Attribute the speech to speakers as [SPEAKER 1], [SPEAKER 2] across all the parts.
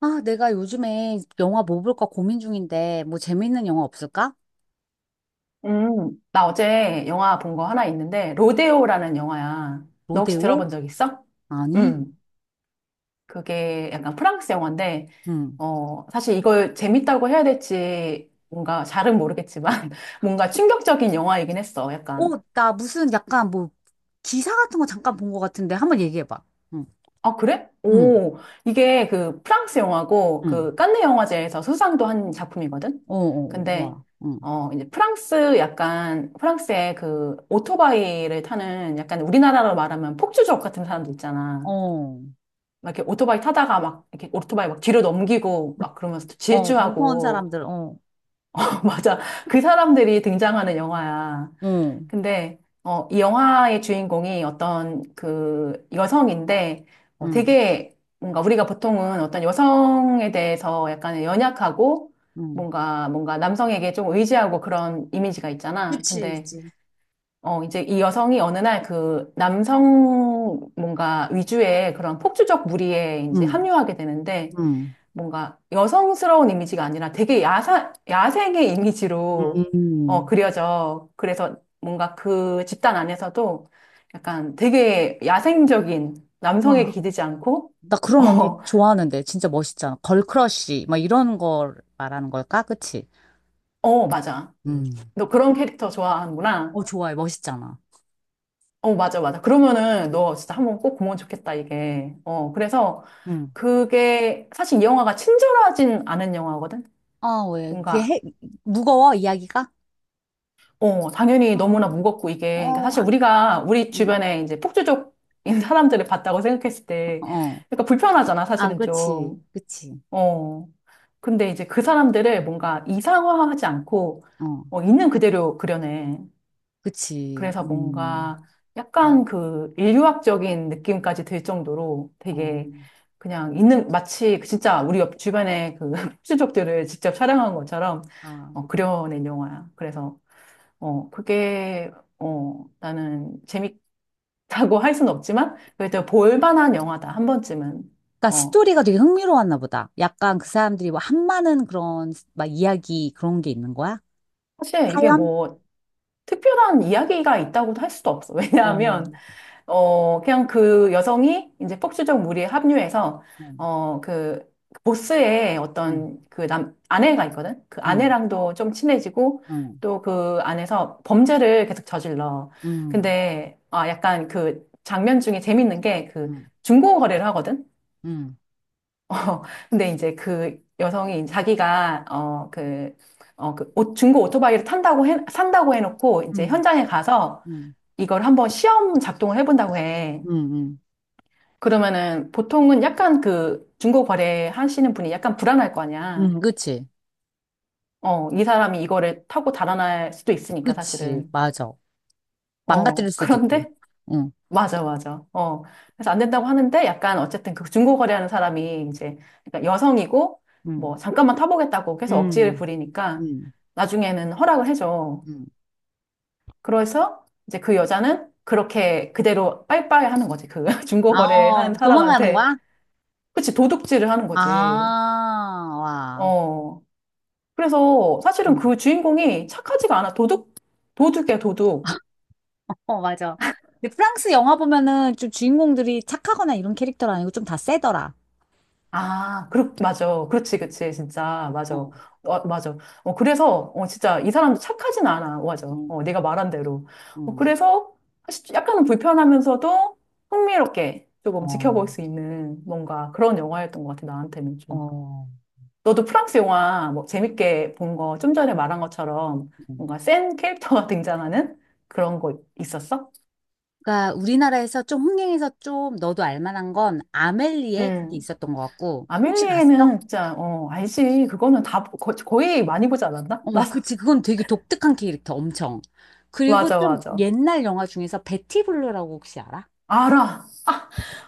[SPEAKER 1] 아, 내가 요즘에 영화 뭐 볼까 고민 중인데, 뭐 재밌는 영화 없을까?
[SPEAKER 2] 나 어제 영화 본 거 하나 있는데, 로데오라는 영화야. 너 혹시
[SPEAKER 1] 로데오?
[SPEAKER 2] 들어본 적 있어?
[SPEAKER 1] 아니?
[SPEAKER 2] 음, 그게 약간 프랑스 영화인데,
[SPEAKER 1] 응.
[SPEAKER 2] 사실 이걸 재밌다고 해야 될지 뭔가 잘은 모르겠지만, 뭔가 충격적인 영화이긴 했어. 약간
[SPEAKER 1] 어, 나 무슨 약간 뭐 기사 같은 거 잠깐 본 것 같은데, 한번 얘기해봐. 응,
[SPEAKER 2] 아, 그래?
[SPEAKER 1] 응,
[SPEAKER 2] 오, 이게 그 프랑스 영화고
[SPEAKER 1] 응.
[SPEAKER 2] 그 칸네 영화제에서 수상도 한 작품이거든?
[SPEAKER 1] 어, 어, 어,
[SPEAKER 2] 근데,
[SPEAKER 1] 와, 응.
[SPEAKER 2] 이제 프랑스 약간, 프랑스의 그 오토바이를 타는 약간 우리나라로 말하면 폭주족 같은 사람들 있잖아.
[SPEAKER 1] 어,
[SPEAKER 2] 막 이렇게 오토바이 타다가 막 이렇게 오토바이 막 뒤로 넘기고 막 그러면서 또
[SPEAKER 1] 어, 무서운
[SPEAKER 2] 질주하고.
[SPEAKER 1] 사람들, 어,
[SPEAKER 2] 맞아. 그 사람들이 등장하는 영화야.
[SPEAKER 1] 어,
[SPEAKER 2] 근데 이 영화의 주인공이 어떤 그 여성인데
[SPEAKER 1] 응,
[SPEAKER 2] 되게 뭔가 우리가 보통은 어떤 여성에 대해서 약간 연약하고
[SPEAKER 1] 응,
[SPEAKER 2] 뭔가 남성에게 좀 의지하고 그런 이미지가 있잖아.
[SPEAKER 1] 그치,
[SPEAKER 2] 근데
[SPEAKER 1] 있지.
[SPEAKER 2] 이제 이 여성이 어느 날 그 남성 뭔가 위주의 그런 폭주적 무리에 이제
[SPEAKER 1] 응,
[SPEAKER 2] 합류하게 되는데
[SPEAKER 1] 응,
[SPEAKER 2] 뭔가 여성스러운 이미지가 아니라 되게 야생의 이미지로
[SPEAKER 1] 음.
[SPEAKER 2] 그려져. 그래서 뭔가 그 집단 안에서도 약간 되게 야생적인 남성에게
[SPEAKER 1] 와,
[SPEAKER 2] 기대지 않고,
[SPEAKER 1] 나 그런 언니
[SPEAKER 2] 어,
[SPEAKER 1] 좋아하는데, 진짜 멋있잖아. 걸크러쉬, 막 이런 걸 말하는 걸까? 그치?
[SPEAKER 2] 어, 맞아.
[SPEAKER 1] 응.
[SPEAKER 2] 너 그런 캐릭터 좋아하는구나.
[SPEAKER 1] 어, 좋아요. 멋있잖아.
[SPEAKER 2] 어, 맞아, 맞아. 그러면은 너 진짜 한번 꼭 보면 좋겠다, 이게. 그래서
[SPEAKER 1] 응.
[SPEAKER 2] 그게 사실 이 영화가 친절하진 않은 영화거든?
[SPEAKER 1] 어, 왜? 그게
[SPEAKER 2] 뭔가
[SPEAKER 1] 해, 무거워, 이야기가?
[SPEAKER 2] 당연히 너무나
[SPEAKER 1] 음,
[SPEAKER 2] 무겁고 이게, 그러니까
[SPEAKER 1] 어,
[SPEAKER 2] 사실
[SPEAKER 1] 안,
[SPEAKER 2] 우리가 우리
[SPEAKER 1] 음,
[SPEAKER 2] 주변에 이제 폭주족인 사람들을 봤다고 생각했을 때,
[SPEAKER 1] 어.
[SPEAKER 2] 그러니까 불편하잖아,
[SPEAKER 1] 아,
[SPEAKER 2] 사실은
[SPEAKER 1] 그치.
[SPEAKER 2] 좀.
[SPEAKER 1] 그치.
[SPEAKER 2] 어. 근데 이제 그 사람들을 뭔가 이상화하지 않고,
[SPEAKER 1] 어,
[SPEAKER 2] 있는 그대로 그려내.
[SPEAKER 1] 그치.
[SPEAKER 2] 그래서
[SPEAKER 1] 음.
[SPEAKER 2] 뭔가 약간
[SPEAKER 1] 음,
[SPEAKER 2] 그 인류학적인 느낌까지 들 정도로
[SPEAKER 1] 어.
[SPEAKER 2] 되게 그냥 있는, 마치 그 진짜 우리 옆 주변에 그 폭주족들을 직접 촬영한 것처럼
[SPEAKER 1] 아.
[SPEAKER 2] 그려낸 영화야. 그래서 어, 그게, 어, 나는 재밌다고 할 수는 없지만, 그래도 볼만한 영화다, 한 번쯤은.
[SPEAKER 1] 그러니까
[SPEAKER 2] 어,
[SPEAKER 1] 스토리가 되게 흥미로웠나 보다. 약간 그 사람들이 뭐 한마는 그런 막 이야기 그런 게 있는 거야?
[SPEAKER 2] 사실 이게
[SPEAKER 1] 사연?
[SPEAKER 2] 뭐, 특별한 이야기가 있다고도 할 수도 없어.
[SPEAKER 1] 어.
[SPEAKER 2] 왜냐하면,
[SPEAKER 1] 응.
[SPEAKER 2] 그냥 그 여성이 이제 폭주적 무리에 합류해서, 어, 그, 보스의
[SPEAKER 1] 응.
[SPEAKER 2] 어떤 그 남, 아내가 있거든? 그
[SPEAKER 1] 응.
[SPEAKER 2] 아내랑도 좀 친해지고,
[SPEAKER 1] 응.
[SPEAKER 2] 또 그 안에서 범죄를 계속 저질러.
[SPEAKER 1] 응.
[SPEAKER 2] 근데, 아, 약간 그 장면 중에 재밌는 게 그
[SPEAKER 1] 응.
[SPEAKER 2] 중고 거래를 하거든?
[SPEAKER 1] 응.
[SPEAKER 2] 어, 근데 이제 그 여성이 자기가 중고 오토바이를 탄다고 해 산다고 해놓고
[SPEAKER 1] 응.
[SPEAKER 2] 이제
[SPEAKER 1] 응.
[SPEAKER 2] 현장에 가서
[SPEAKER 1] 응.
[SPEAKER 2] 이걸 한번 시험 작동을 해본다고 해.
[SPEAKER 1] 응.
[SPEAKER 2] 그러면은 보통은 약간 그 중고 거래 하시는 분이 약간 불안할 거 아니야.
[SPEAKER 1] 응. 그치.
[SPEAKER 2] 이 사람이 이거를 타고 달아날 수도 있으니까
[SPEAKER 1] 그치.
[SPEAKER 2] 사실은.
[SPEAKER 1] 맞아. 망가뜨릴 수도 있고.
[SPEAKER 2] 그런데
[SPEAKER 1] 응,
[SPEAKER 2] 맞아, 맞아. 어. 그래서 안 된다고 하는데 약간 어쨌든 그 중고 거래하는 사람이 이제 그러니까 여성이고
[SPEAKER 1] 응,
[SPEAKER 2] 뭐 잠깐만 타보겠다고 계속 억지를
[SPEAKER 1] 응,
[SPEAKER 2] 부리니까
[SPEAKER 1] 응,
[SPEAKER 2] 나중에는 허락을 해줘.
[SPEAKER 1] 응.
[SPEAKER 2] 그래서 이제 그 여자는 그렇게 그대로 빠이빠이 하는 거지. 그
[SPEAKER 1] 아,
[SPEAKER 2] 중고 거래하는
[SPEAKER 1] 어, 도망가는
[SPEAKER 2] 사람한테.
[SPEAKER 1] 거야?
[SPEAKER 2] 그치, 도둑질을 하는
[SPEAKER 1] 아,
[SPEAKER 2] 거지.
[SPEAKER 1] 와.
[SPEAKER 2] 어. 그래서 사실은
[SPEAKER 1] 어,
[SPEAKER 2] 그 주인공이 착하지가 않아. 도둑, 도둑이야, 도둑.
[SPEAKER 1] 어, 맞아. 근데 프랑스 영화 보면은 좀 주인공들이 착하거나 이런 캐릭터는 아니고 좀 다 세더라.
[SPEAKER 2] 아, 그렇, 맞아. 그렇지, 그렇지. 진짜. 맞아.
[SPEAKER 1] 어,
[SPEAKER 2] 어, 맞아. 그래서 진짜, 이 사람도 착하진 않아. 맞아.
[SPEAKER 1] 응,
[SPEAKER 2] 어, 네가 말한 대로. 어,
[SPEAKER 1] 응,
[SPEAKER 2] 그래서, 사실 약간은 불편하면서도 흥미롭게 조금
[SPEAKER 1] 어,
[SPEAKER 2] 지켜볼 수 있는 뭔가 그런 영화였던 것 같아, 나한테는 좀.
[SPEAKER 1] 어.
[SPEAKER 2] 너도 프랑스 영화 뭐 재밌게 본 거, 좀 전에 말한 것처럼
[SPEAKER 1] 응.
[SPEAKER 2] 뭔가 센 캐릭터가 등장하는 그런 거 있었어?
[SPEAKER 1] 그러니까 우리나라에서 좀 흥행해서 좀 너도 알 만한 건 아멜리에, 그게
[SPEAKER 2] 음.
[SPEAKER 1] 있었던 것 같고. 혹시 봤어?
[SPEAKER 2] 아멜리에는 진짜, 알지. 그거는 거의 많이 보지 않았나?
[SPEAKER 1] 어,
[SPEAKER 2] 나
[SPEAKER 1] 그치. 그건 되게 독특한 캐릭터, 엄청. 그리고
[SPEAKER 2] 맞아,
[SPEAKER 1] 좀
[SPEAKER 2] 맞아.
[SPEAKER 1] 옛날 영화 중에서 베티 블루라고 혹시 알아?
[SPEAKER 2] 알아.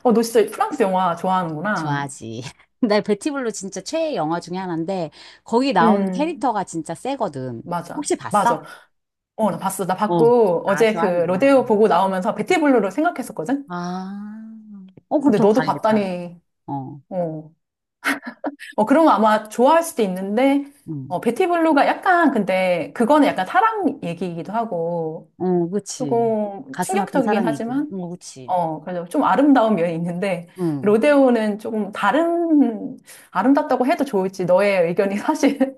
[SPEAKER 2] 너 진짜 프랑스 영화 좋아하는구나.
[SPEAKER 1] 좋아하지. 나 베티 블루 진짜 최애 영화 중에 하나인데, 거기 나오는
[SPEAKER 2] 음.
[SPEAKER 1] 캐릭터가 진짜 세거든.
[SPEAKER 2] 맞아,
[SPEAKER 1] 혹시 봤어?
[SPEAKER 2] 맞아. 어, 나 봤어. 나
[SPEAKER 1] 어.
[SPEAKER 2] 봤고,
[SPEAKER 1] 아,
[SPEAKER 2] 어제 그
[SPEAKER 1] 좋아하는구나.
[SPEAKER 2] 로데오 보고 나오면서 베티블루를 생각했었거든?
[SPEAKER 1] 아. 어, 그럼
[SPEAKER 2] 근데
[SPEAKER 1] 더
[SPEAKER 2] 너도
[SPEAKER 1] 봐야겠다.
[SPEAKER 2] 봤다니.
[SPEAKER 1] 어,
[SPEAKER 2] 어. 그런 거 아마 좋아할 수도 있는데,
[SPEAKER 1] 응.
[SPEAKER 2] 베티블루가 약간, 근데 그거는 약간 사랑 얘기이기도 하고,
[SPEAKER 1] 어, 그치.
[SPEAKER 2] 조금
[SPEAKER 1] 가슴 아픈
[SPEAKER 2] 충격적이긴
[SPEAKER 1] 사랑 얘기.
[SPEAKER 2] 하지만,
[SPEAKER 1] 어, 그치.
[SPEAKER 2] 그래서 좀 아름다운 면이 있는데,
[SPEAKER 1] 응.
[SPEAKER 2] 로데오는 조금 다른, 아름답다고 해도 좋을지 너의 의견이 사실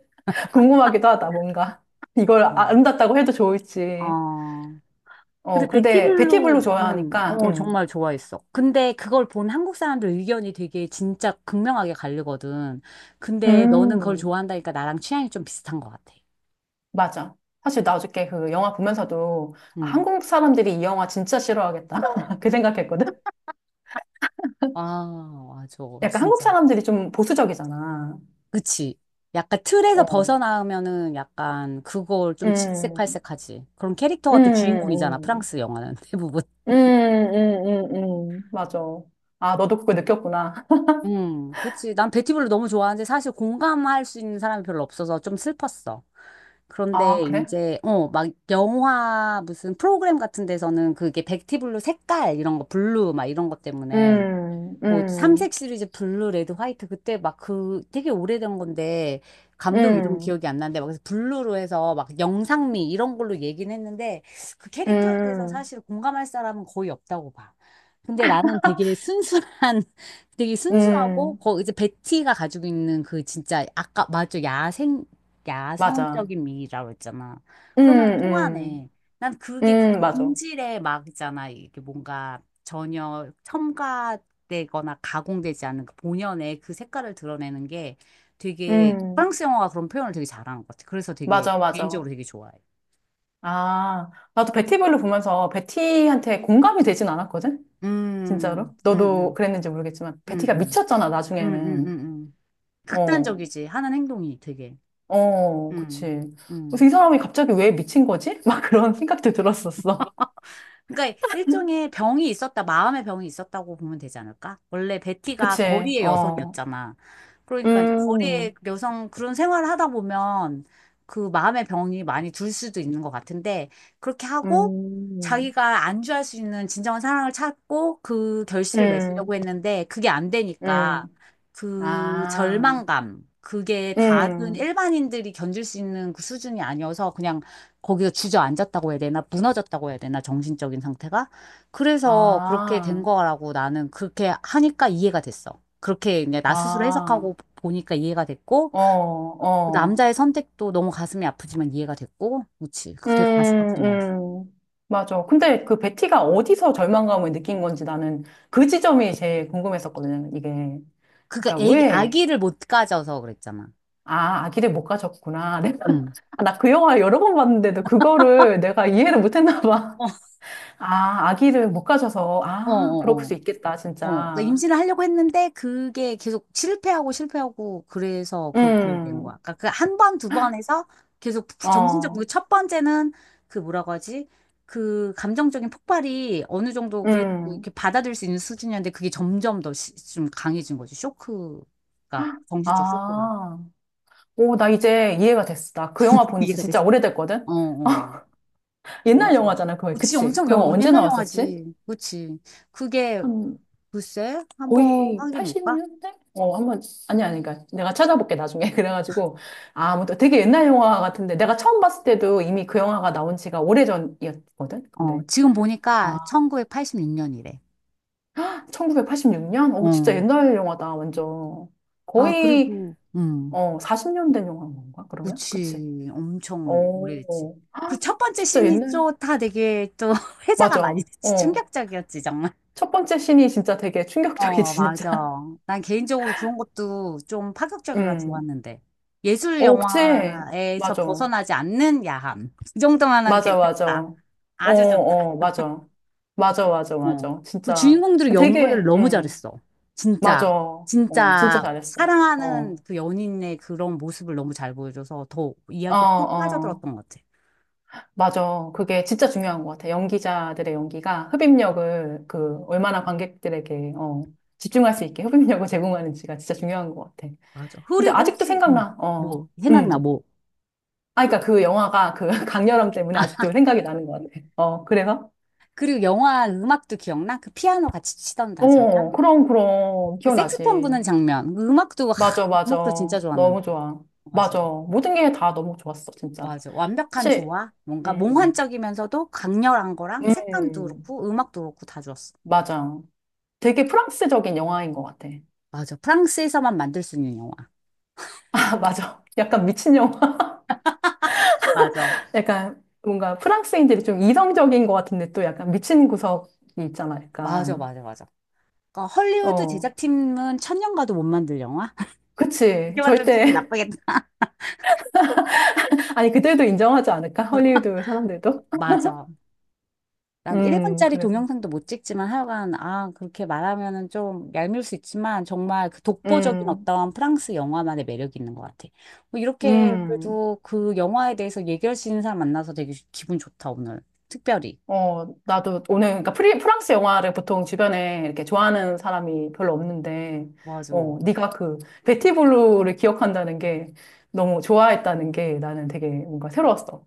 [SPEAKER 2] 궁금하기도 하다, 뭔가. 이걸
[SPEAKER 1] 응.
[SPEAKER 2] 아름답다고 해도 좋을지.
[SPEAKER 1] 어. 근데
[SPEAKER 2] 근데 베티블루
[SPEAKER 1] 베티블루는
[SPEAKER 2] 좋아하니까,
[SPEAKER 1] 어 정말 좋아했어. 근데 그걸 본 한국 사람들 의견이 되게 진짜 극명하게 갈리거든. 근데 너는 그걸
[SPEAKER 2] 음,
[SPEAKER 1] 좋아한다니까 나랑 취향이 좀 비슷한 것 같아.
[SPEAKER 2] 맞아. 사실 나 어저께 그 영화 보면서도 아,
[SPEAKER 1] 응.
[SPEAKER 2] 한국 사람들이 이 영화 진짜 싫어하겠다. 그 생각했거든.
[SPEAKER 1] 아, 맞아.
[SPEAKER 2] 약간 한국
[SPEAKER 1] 진짜.
[SPEAKER 2] 사람들이 좀 보수적이잖아.
[SPEAKER 1] 그치. 약간 틀에서
[SPEAKER 2] 어,
[SPEAKER 1] 벗어나면은 약간 그걸 좀
[SPEAKER 2] 음,
[SPEAKER 1] 질색팔색하지. 그런
[SPEAKER 2] 음,
[SPEAKER 1] 캐릭터가 또 주인공이잖아.
[SPEAKER 2] 음,
[SPEAKER 1] 프랑스 영화는 대부분.
[SPEAKER 2] 음, 음, 맞아. 아, 너도 그걸 느꼈구나.
[SPEAKER 1] 그치. 난 베티블루 너무 좋아하는데 사실 공감할 수 있는 사람이 별로 없어서 좀 슬펐어.
[SPEAKER 2] 아,
[SPEAKER 1] 그런데
[SPEAKER 2] 그래?
[SPEAKER 1] 이제, 어, 막 영화 무슨 프로그램 같은 데서는 그게 베티블루 색깔 이런 거, 블루 막 이런 것 때문에
[SPEAKER 2] 음,
[SPEAKER 1] 뭐
[SPEAKER 2] 음,
[SPEAKER 1] 삼색 시리즈 블루, 레드, 화이트 그때 막 그 되게 오래된 건데 감독 이름
[SPEAKER 2] 음,
[SPEAKER 1] 기억이 안 나는데 막 그래서 블루로 해서 막 영상미 이런 걸로 얘기는 했는데 그 캐릭터에 대해서
[SPEAKER 2] 음,
[SPEAKER 1] 사실 공감할 사람은 거의 없다고 봐. 근데 나는 되게 순수한 되게 순수하고
[SPEAKER 2] 음.
[SPEAKER 1] 거 이제 베티가 가지고 있는 그 진짜 아까 맞죠? 야생
[SPEAKER 2] 맞아.
[SPEAKER 1] 야성적인 미라고 했잖아. 그러면
[SPEAKER 2] 음,
[SPEAKER 1] 통하네. 난
[SPEAKER 2] 음,
[SPEAKER 1] 그게 그
[SPEAKER 2] 맞아.
[SPEAKER 1] 본질의 막 있잖아. 이게 뭔가 전혀 첨가 되거나 가공되지 않은 그 본연의 그 색깔을 드러내는 게 되게
[SPEAKER 2] 음,
[SPEAKER 1] 프랑스 영화가 그런 표현을 되게 잘하는 것 같아. 그래서 되게
[SPEAKER 2] 맞아, 맞아.
[SPEAKER 1] 개인적으로 되게 좋아해.
[SPEAKER 2] 아, 나도 베티블루 보면서 베티한테 공감이 되진 않았거든? 진짜로?
[SPEAKER 1] 음, 음,
[SPEAKER 2] 너도
[SPEAKER 1] 음,
[SPEAKER 2] 그랬는지 모르겠지만,
[SPEAKER 1] 음,
[SPEAKER 2] 베티가
[SPEAKER 1] 음,
[SPEAKER 2] 미쳤잖아, 나중에는.
[SPEAKER 1] 음.
[SPEAKER 2] 어,
[SPEAKER 1] 극단적이지. 하는 행동이 되게.
[SPEAKER 2] 어, 그치.
[SPEAKER 1] 음,
[SPEAKER 2] 그래서
[SPEAKER 1] 음.
[SPEAKER 2] 이 사람이 갑자기 왜 미친 거지? 막 그런 생각도 들었었어.
[SPEAKER 1] 그러니까 일종의 병이 있었다, 마음의 병이 있었다고 보면 되지 않을까? 원래 베티가
[SPEAKER 2] 그치,
[SPEAKER 1] 거리의
[SPEAKER 2] 어.
[SPEAKER 1] 여성이었잖아. 그러니까 이제 거리의
[SPEAKER 2] 음,
[SPEAKER 1] 여성 그런 생활을 하다 보면 그 마음의 병이 많이 들 수도 있는 것 같은데 그렇게 하고
[SPEAKER 2] 음,
[SPEAKER 1] 자기가 안주할 수 있는 진정한 사랑을 찾고 그 결실을
[SPEAKER 2] 음,
[SPEAKER 1] 맺으려고 했는데 그게 안 되니까
[SPEAKER 2] 음.
[SPEAKER 1] 그
[SPEAKER 2] 아,
[SPEAKER 1] 절망감 그게 다른
[SPEAKER 2] 음,
[SPEAKER 1] 일반인들이 견딜 수 있는 그 수준이 아니어서 그냥 거기서 주저앉았다고 해야 되나? 무너졌다고 해야 되나? 정신적인 상태가? 그래서 그렇게 된
[SPEAKER 2] 아,
[SPEAKER 1] 거라고 나는 그렇게 하니까 이해가 됐어. 그렇게 이제 나 스스로
[SPEAKER 2] 아.
[SPEAKER 1] 해석하고 보니까 이해가 됐고,
[SPEAKER 2] 어,
[SPEAKER 1] 그
[SPEAKER 2] 어.
[SPEAKER 1] 남자의 선택도 너무 가슴이 아프지만 이해가 됐고, 그지
[SPEAKER 2] 음,
[SPEAKER 1] 그 되게 가슴 아픈 거지.
[SPEAKER 2] 음. 맞아. 근데 그 베티가 어디서 절망감을 느낀 건지 나는 그 지점이 제일 궁금했었거든, 이게.
[SPEAKER 1] 그니까
[SPEAKER 2] 그러니까
[SPEAKER 1] 애기,
[SPEAKER 2] 왜,
[SPEAKER 1] 아기를 못 가져서 그랬잖아.
[SPEAKER 2] 아, 아기를 못 가졌구나. 내가,
[SPEAKER 1] 응.
[SPEAKER 2] 아, 나그 영화 여러 번 봤는데도 그거를 내가 이해를 못 했나 봐.
[SPEAKER 1] 어,
[SPEAKER 2] 아, 아기를 못 가져서,
[SPEAKER 1] 어,
[SPEAKER 2] 아, 그럴
[SPEAKER 1] 어.
[SPEAKER 2] 수 있겠다,
[SPEAKER 1] 어, 그러니까
[SPEAKER 2] 진짜.
[SPEAKER 1] 임신을 하려고 했는데 그게 계속 실패하고 실패하고 그래서 그렇게 된
[SPEAKER 2] 음,
[SPEAKER 1] 거야. 그러니까 그 한 번, 두 번 해서 계속 정신적,
[SPEAKER 2] 어,
[SPEAKER 1] 그첫 번째는 그 뭐라고 하지? 그 감정적인 폭발이 어느 정도 그래도
[SPEAKER 2] 음,
[SPEAKER 1] 이렇게 받아들일 수 있는 수준이었는데 그게 점점 더 좀 강해진 거지. 쇼크가, 정신적 쇼크가.
[SPEAKER 2] 아. 오, 나 이제 이해가 됐어. 나 그 영화 본지
[SPEAKER 1] 이해가 됐어.
[SPEAKER 2] 진짜 오래됐거든?
[SPEAKER 1] 어, 어,
[SPEAKER 2] 옛날
[SPEAKER 1] 맞아.
[SPEAKER 2] 영화잖아, 그거.
[SPEAKER 1] 그치,
[SPEAKER 2] 그치?
[SPEAKER 1] 엄청
[SPEAKER 2] 그 영화
[SPEAKER 1] 영,
[SPEAKER 2] 언제
[SPEAKER 1] 옛날
[SPEAKER 2] 나왔었지?
[SPEAKER 1] 영화지. 그치. 그게,
[SPEAKER 2] 한
[SPEAKER 1] 글쎄, 한번
[SPEAKER 2] 거의
[SPEAKER 1] 확인해볼까?
[SPEAKER 2] 80년대? 어, 한번 아니 아니 그러니까 내가 찾아볼게 나중에 그래가지고 아, 무튼 되게 옛날 영화 같은데 내가 처음 봤을 때도 이미 그 영화가 나온 지가 오래전이었거든.
[SPEAKER 1] 어,
[SPEAKER 2] 근데
[SPEAKER 1] 지금 보니까
[SPEAKER 2] 아,
[SPEAKER 1] 1986년이래.
[SPEAKER 2] 1986년? 진짜
[SPEAKER 1] 어.
[SPEAKER 2] 옛날 영화다 완전.
[SPEAKER 1] 아,
[SPEAKER 2] 거의
[SPEAKER 1] 그리고,
[SPEAKER 2] 40년 된 영화인 건가? 그러면? 그치?
[SPEAKER 1] 그치. 엄청 오래됐지.
[SPEAKER 2] 오 아,
[SPEAKER 1] 그 첫 번째
[SPEAKER 2] 진짜
[SPEAKER 1] 씬이
[SPEAKER 2] 옛날.
[SPEAKER 1] 또다 되게 또 회자가 많이
[SPEAKER 2] 맞아.
[SPEAKER 1] 됐지.
[SPEAKER 2] 어.
[SPEAKER 1] 충격적이었지, 정말.
[SPEAKER 2] 첫 번째 신이 진짜 되게 충격적이지
[SPEAKER 1] 어, 맞아.
[SPEAKER 2] 진짜.
[SPEAKER 1] 난 개인적으로 그런 것도 좀 파격적이라
[SPEAKER 2] 음.
[SPEAKER 1] 좋았는데. 예술
[SPEAKER 2] 어, 그치?
[SPEAKER 1] 영화에서
[SPEAKER 2] 맞아.
[SPEAKER 1] 벗어나지 않는 야함. 그 정도만은
[SPEAKER 2] 맞아, 맞아.
[SPEAKER 1] 괜찮다.
[SPEAKER 2] 어,
[SPEAKER 1] 아주 좋다.
[SPEAKER 2] 어, 맞아. 맞아, 맞아,
[SPEAKER 1] 어.
[SPEAKER 2] 맞아.
[SPEAKER 1] 그
[SPEAKER 2] 진짜
[SPEAKER 1] 주인공들이 연기를
[SPEAKER 2] 되게,
[SPEAKER 1] 너무 잘했어. 진짜,
[SPEAKER 2] 맞아. 어, 진짜
[SPEAKER 1] 진짜
[SPEAKER 2] 잘했어.
[SPEAKER 1] 사랑하는
[SPEAKER 2] 어,
[SPEAKER 1] 그 연인의 그런 모습을 너무 잘 보여줘서 더
[SPEAKER 2] 어,
[SPEAKER 1] 이야기가 푹
[SPEAKER 2] 어.
[SPEAKER 1] 빠져들었던 것 같아.
[SPEAKER 2] 맞아. 그게 진짜 중요한 것 같아. 연기자들의 연기가 흡입력을 그 얼마나 관객들에게 집중할 수 있게 흡입력을 제공하는지가 진짜 중요한 것 같아.
[SPEAKER 1] 맞아.
[SPEAKER 2] 근데
[SPEAKER 1] 그리고
[SPEAKER 2] 아직도
[SPEAKER 1] 혹시,
[SPEAKER 2] 생각나. 어,
[SPEAKER 1] 뭐,
[SPEAKER 2] 음.
[SPEAKER 1] 생각나, 뭐.
[SPEAKER 2] 아, 그러니까 그 영화가 그 강렬함 때문에
[SPEAKER 1] 아,
[SPEAKER 2] 아직도 생각이 나는 것 같아. 어, 그래서?
[SPEAKER 1] 그리고 영화 음악도 기억나? 그 피아노 같이 치던 다 장면?
[SPEAKER 2] 어, 그럼, 그럼.
[SPEAKER 1] 그 색소폰
[SPEAKER 2] 기억나지.
[SPEAKER 1] 부는 장면. 그 음악도, 하,
[SPEAKER 2] 맞아, 맞아.
[SPEAKER 1] 음악도 진짜 좋았는데.
[SPEAKER 2] 너무 좋아.
[SPEAKER 1] 맞아.
[SPEAKER 2] 맞아. 모든 게 다 너무 좋았어, 진짜.
[SPEAKER 1] 맞아. 완벽한
[SPEAKER 2] 사실,
[SPEAKER 1] 조화? 뭔가
[SPEAKER 2] 음,
[SPEAKER 1] 몽환적이면서도 강렬한 거랑 색감도
[SPEAKER 2] 음,
[SPEAKER 1] 그렇고 음악도 그렇고 다 좋았어.
[SPEAKER 2] 맞아. 되게 프랑스적인 영화인 것 같아.
[SPEAKER 1] 맞아. 프랑스에서만 만들 수 있는 영화.
[SPEAKER 2] 아, 맞아. 약간 미친 영화.
[SPEAKER 1] 맞아.
[SPEAKER 2] 약간 뭔가 프랑스인들이 좀 이성적인 것 같은데 또 약간 미친 구석이 있잖아,
[SPEAKER 1] 맞아,
[SPEAKER 2] 약간.
[SPEAKER 1] 맞아, 맞아. 그러니까 헐리우드
[SPEAKER 2] 어,
[SPEAKER 1] 제작팀은 천년 가도 못 만들 영화?
[SPEAKER 2] 그치.
[SPEAKER 1] 이렇게 만들면 기분
[SPEAKER 2] 절대.
[SPEAKER 1] 나쁘겠다.
[SPEAKER 2] 아니, 그들도 인정하지 않을까? 헐리우드 사람들도?
[SPEAKER 1] 맞아. 난 1분짜리
[SPEAKER 2] 그래서.
[SPEAKER 1] 동영상도 못 찍지만 하여간, 아, 그렇게 말하면은 좀 얄미울 수 있지만, 정말 그 독보적인
[SPEAKER 2] 음,
[SPEAKER 1] 어떤 프랑스 영화만의 매력이 있는 것 같아. 뭐 이렇게
[SPEAKER 2] 음.
[SPEAKER 1] 그래도 그 영화에 대해서 얘기할 수 있는 사람 만나서 되게 기분 좋다, 오늘. 특별히.
[SPEAKER 2] 어, 나도 오늘, 그러니까 프랑스 영화를 보통 주변에 이렇게 좋아하는 사람이 별로 없는데,
[SPEAKER 1] 맞아. 어,
[SPEAKER 2] 어, 네가 그, 베티 블루를 기억한다는 게 너무 좋아했다는 게 나는 되게 뭔가 새로웠어.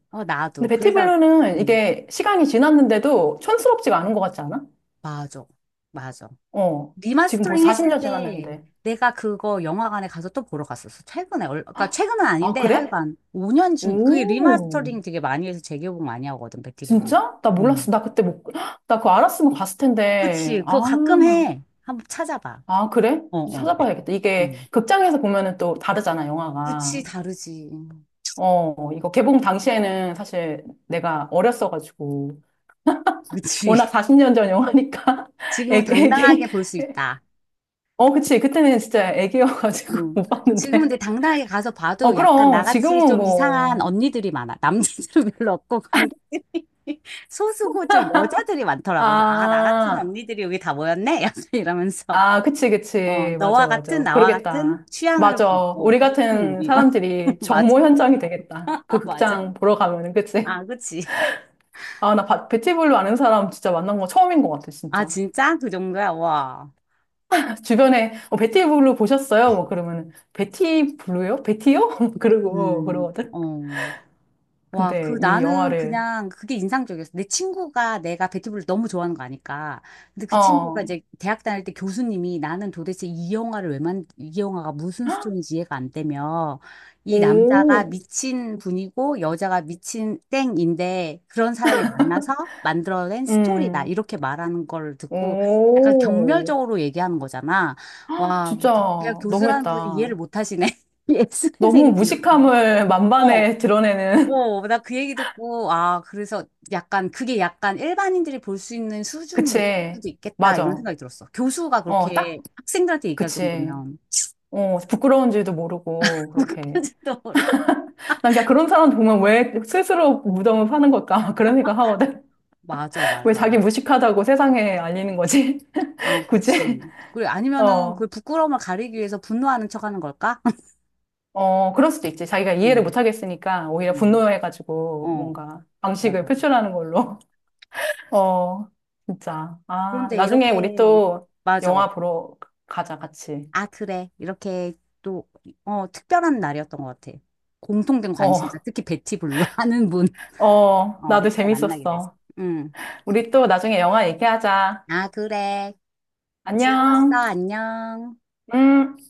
[SPEAKER 2] 근데
[SPEAKER 1] 나도.
[SPEAKER 2] 베티
[SPEAKER 1] 그래서,
[SPEAKER 2] 블루는
[SPEAKER 1] 음,
[SPEAKER 2] 이게 시간이 지났는데도 촌스럽지가 않은 것 같지 않아?
[SPEAKER 1] 맞아. 맞아.
[SPEAKER 2] 어, 지금 벌써
[SPEAKER 1] 리마스터링 했을
[SPEAKER 2] 40년
[SPEAKER 1] 때
[SPEAKER 2] 지났는데.
[SPEAKER 1] 내가 그거 영화관에 가서 또 보러 갔었어. 최근에. 얼- 그러니까
[SPEAKER 2] 헉,
[SPEAKER 1] 최근은
[SPEAKER 2] 아,
[SPEAKER 1] 아닌데
[SPEAKER 2] 그래?
[SPEAKER 1] 하여간 5년 중 그게
[SPEAKER 2] 오,
[SPEAKER 1] 리마스터링 되게 많이 해서 재개봉 많이 하거든. 백티블루.
[SPEAKER 2] 진짜? 나
[SPEAKER 1] 음.
[SPEAKER 2] 몰랐어. 나 그때 못, 헉, 나 그거 알았으면 갔을
[SPEAKER 1] 그치.
[SPEAKER 2] 텐데.
[SPEAKER 1] 그거
[SPEAKER 2] 아.
[SPEAKER 1] 가끔 해. 한번 찾아봐.
[SPEAKER 2] 아, 그래?
[SPEAKER 1] 어, 어.
[SPEAKER 2] 찾아봐야겠다. 이게
[SPEAKER 1] 음.
[SPEAKER 2] 극장에서 보면은 또 다르잖아,
[SPEAKER 1] 그치,
[SPEAKER 2] 영화가.
[SPEAKER 1] 다르지.
[SPEAKER 2] 이거 개봉 당시에는 사실 내가 어렸어가지고.
[SPEAKER 1] 그치.
[SPEAKER 2] 워낙 40년 전 영화니까.
[SPEAKER 1] 지금은
[SPEAKER 2] 애기, 애기.
[SPEAKER 1] 당당하게 볼 수 있다.
[SPEAKER 2] 어, 그치. 그때는 진짜 애기여가지고
[SPEAKER 1] 뭐
[SPEAKER 2] 못
[SPEAKER 1] 지금은
[SPEAKER 2] 봤는데.
[SPEAKER 1] 근데 당당하게 가서
[SPEAKER 2] 어,
[SPEAKER 1] 봐도 약간
[SPEAKER 2] 그럼.
[SPEAKER 1] 나같이
[SPEAKER 2] 지금은
[SPEAKER 1] 좀 이상한
[SPEAKER 2] 뭐.
[SPEAKER 1] 언니들이 많아. 남자들은 별로 없고 관객들이 소수고 좀 여자들이 많더라고. 그래서 아, 나 같은
[SPEAKER 2] 아,
[SPEAKER 1] 언니들이 여기 다 모였네? 약간 이러면서
[SPEAKER 2] 아, 그치,
[SPEAKER 1] 어,
[SPEAKER 2] 그치. 맞아,
[SPEAKER 1] 너와 같은
[SPEAKER 2] 맞아.
[SPEAKER 1] 나와 같은
[SPEAKER 2] 그러겠다.
[SPEAKER 1] 취향을
[SPEAKER 2] 맞아.
[SPEAKER 1] 어,
[SPEAKER 2] 우리
[SPEAKER 1] 보는
[SPEAKER 2] 같은
[SPEAKER 1] 우리. 어,
[SPEAKER 2] 사람들이
[SPEAKER 1] 맞아.
[SPEAKER 2] 정모 현장이 되겠다. 그
[SPEAKER 1] 맞아.
[SPEAKER 2] 극장 보러 가면은, 그치?
[SPEAKER 1] 아, 그치.
[SPEAKER 2] 아, 나 베티블루 아는 사람 진짜 만난 거 처음인 것 같아,
[SPEAKER 1] 아,
[SPEAKER 2] 진짜.
[SPEAKER 1] 진짜? 그 정도야? 와.
[SPEAKER 2] 주변에, 베티블루 보셨어요? 뭐 그러면은, 베티블루요? 베티요? 그러고, 그러거든.
[SPEAKER 1] 어. 와,
[SPEAKER 2] 근데
[SPEAKER 1] 그
[SPEAKER 2] 이
[SPEAKER 1] 나는
[SPEAKER 2] 영화를,
[SPEAKER 1] 그냥 그게 인상적이었어. 내 친구가 내가 배티브를 너무 좋아하는 거 아니까. 근데 그 친구가
[SPEAKER 2] 어,
[SPEAKER 1] 이제 대학 다닐 때 교수님이 나는 도대체 이 영화를 왜 만, 이 영화가 무슨 스토리인지 이해가 안 되며 이 남자가
[SPEAKER 2] 오,
[SPEAKER 1] 미친 분이고 여자가 미친 땡인데 그런 사람이 만나서 만들어낸 스토리다.
[SPEAKER 2] 음,
[SPEAKER 1] 이렇게 말하는 걸 듣고 약간
[SPEAKER 2] 오,
[SPEAKER 1] 경멸적으로 얘기하는 거잖아. 와, 그
[SPEAKER 2] 진짜
[SPEAKER 1] 겨- 그냥 교수라는 분이
[SPEAKER 2] 너무했다.
[SPEAKER 1] 이해를 못 하시네. 예술의
[SPEAKER 2] 너무
[SPEAKER 1] 세계를 이렇게.
[SPEAKER 2] 무식함을
[SPEAKER 1] 어,
[SPEAKER 2] 만반에 드러내는,
[SPEAKER 1] 어, 나 그 얘기 듣고, 아, 그래서 약간, 그게 약간 일반인들이 볼 수 있는 수준일
[SPEAKER 2] 그치,
[SPEAKER 1] 수도 있겠다, 이런
[SPEAKER 2] 맞아.
[SPEAKER 1] 생각이 들었어. 교수가
[SPEAKER 2] 어, 딱,
[SPEAKER 1] 그렇게 학생들한테 얘기할
[SPEAKER 2] 그치.
[SPEAKER 1] 정도면,
[SPEAKER 2] 어, 부끄러운지도 모르고,
[SPEAKER 1] 무구까
[SPEAKER 2] 그렇게.
[SPEAKER 1] 지도 모르고.
[SPEAKER 2] 난 그냥 그런 사람들 보면 왜 스스로 무덤을 파는 걸까? 그런 생각 하거든.
[SPEAKER 1] 맞아, 맞아.
[SPEAKER 2] 왜 자기 무식하다고 세상에 알리는 거지?
[SPEAKER 1] 아,
[SPEAKER 2] 굳이?
[SPEAKER 1] 그치. 그래, 아니면은,
[SPEAKER 2] 어,
[SPEAKER 1] 그 부끄러움을 가리기 위해서 분노하는 척 하는 걸까?
[SPEAKER 2] 어, 그럴 수도 있지. 자기가 이해를 못
[SPEAKER 1] 응,
[SPEAKER 2] 하겠으니까 오히려
[SPEAKER 1] 응,
[SPEAKER 2] 분노해가지고
[SPEAKER 1] 어,
[SPEAKER 2] 뭔가 방식을
[SPEAKER 1] 맞아.
[SPEAKER 2] 표출하는 걸로. 어, 진짜. 아,
[SPEAKER 1] 그런데
[SPEAKER 2] 나중에 우리
[SPEAKER 1] 이렇게,
[SPEAKER 2] 또
[SPEAKER 1] 맞아.
[SPEAKER 2] 영화 보러 가자, 같이.
[SPEAKER 1] 아, 그래. 이렇게 또, 어, 특별한 날이었던 것 같아. 공통된 관심사,
[SPEAKER 2] 어,
[SPEAKER 1] 특히 베티 블루 하는 분.
[SPEAKER 2] 어,
[SPEAKER 1] 어,
[SPEAKER 2] 나도
[SPEAKER 1] 이렇게 만나게 됐어.
[SPEAKER 2] 재밌었어.
[SPEAKER 1] 응.
[SPEAKER 2] 우리 또 나중에 영화 얘기하자.
[SPEAKER 1] 아, 그래. 즐거웠어.
[SPEAKER 2] 안녕.
[SPEAKER 1] 안녕.
[SPEAKER 2] 음.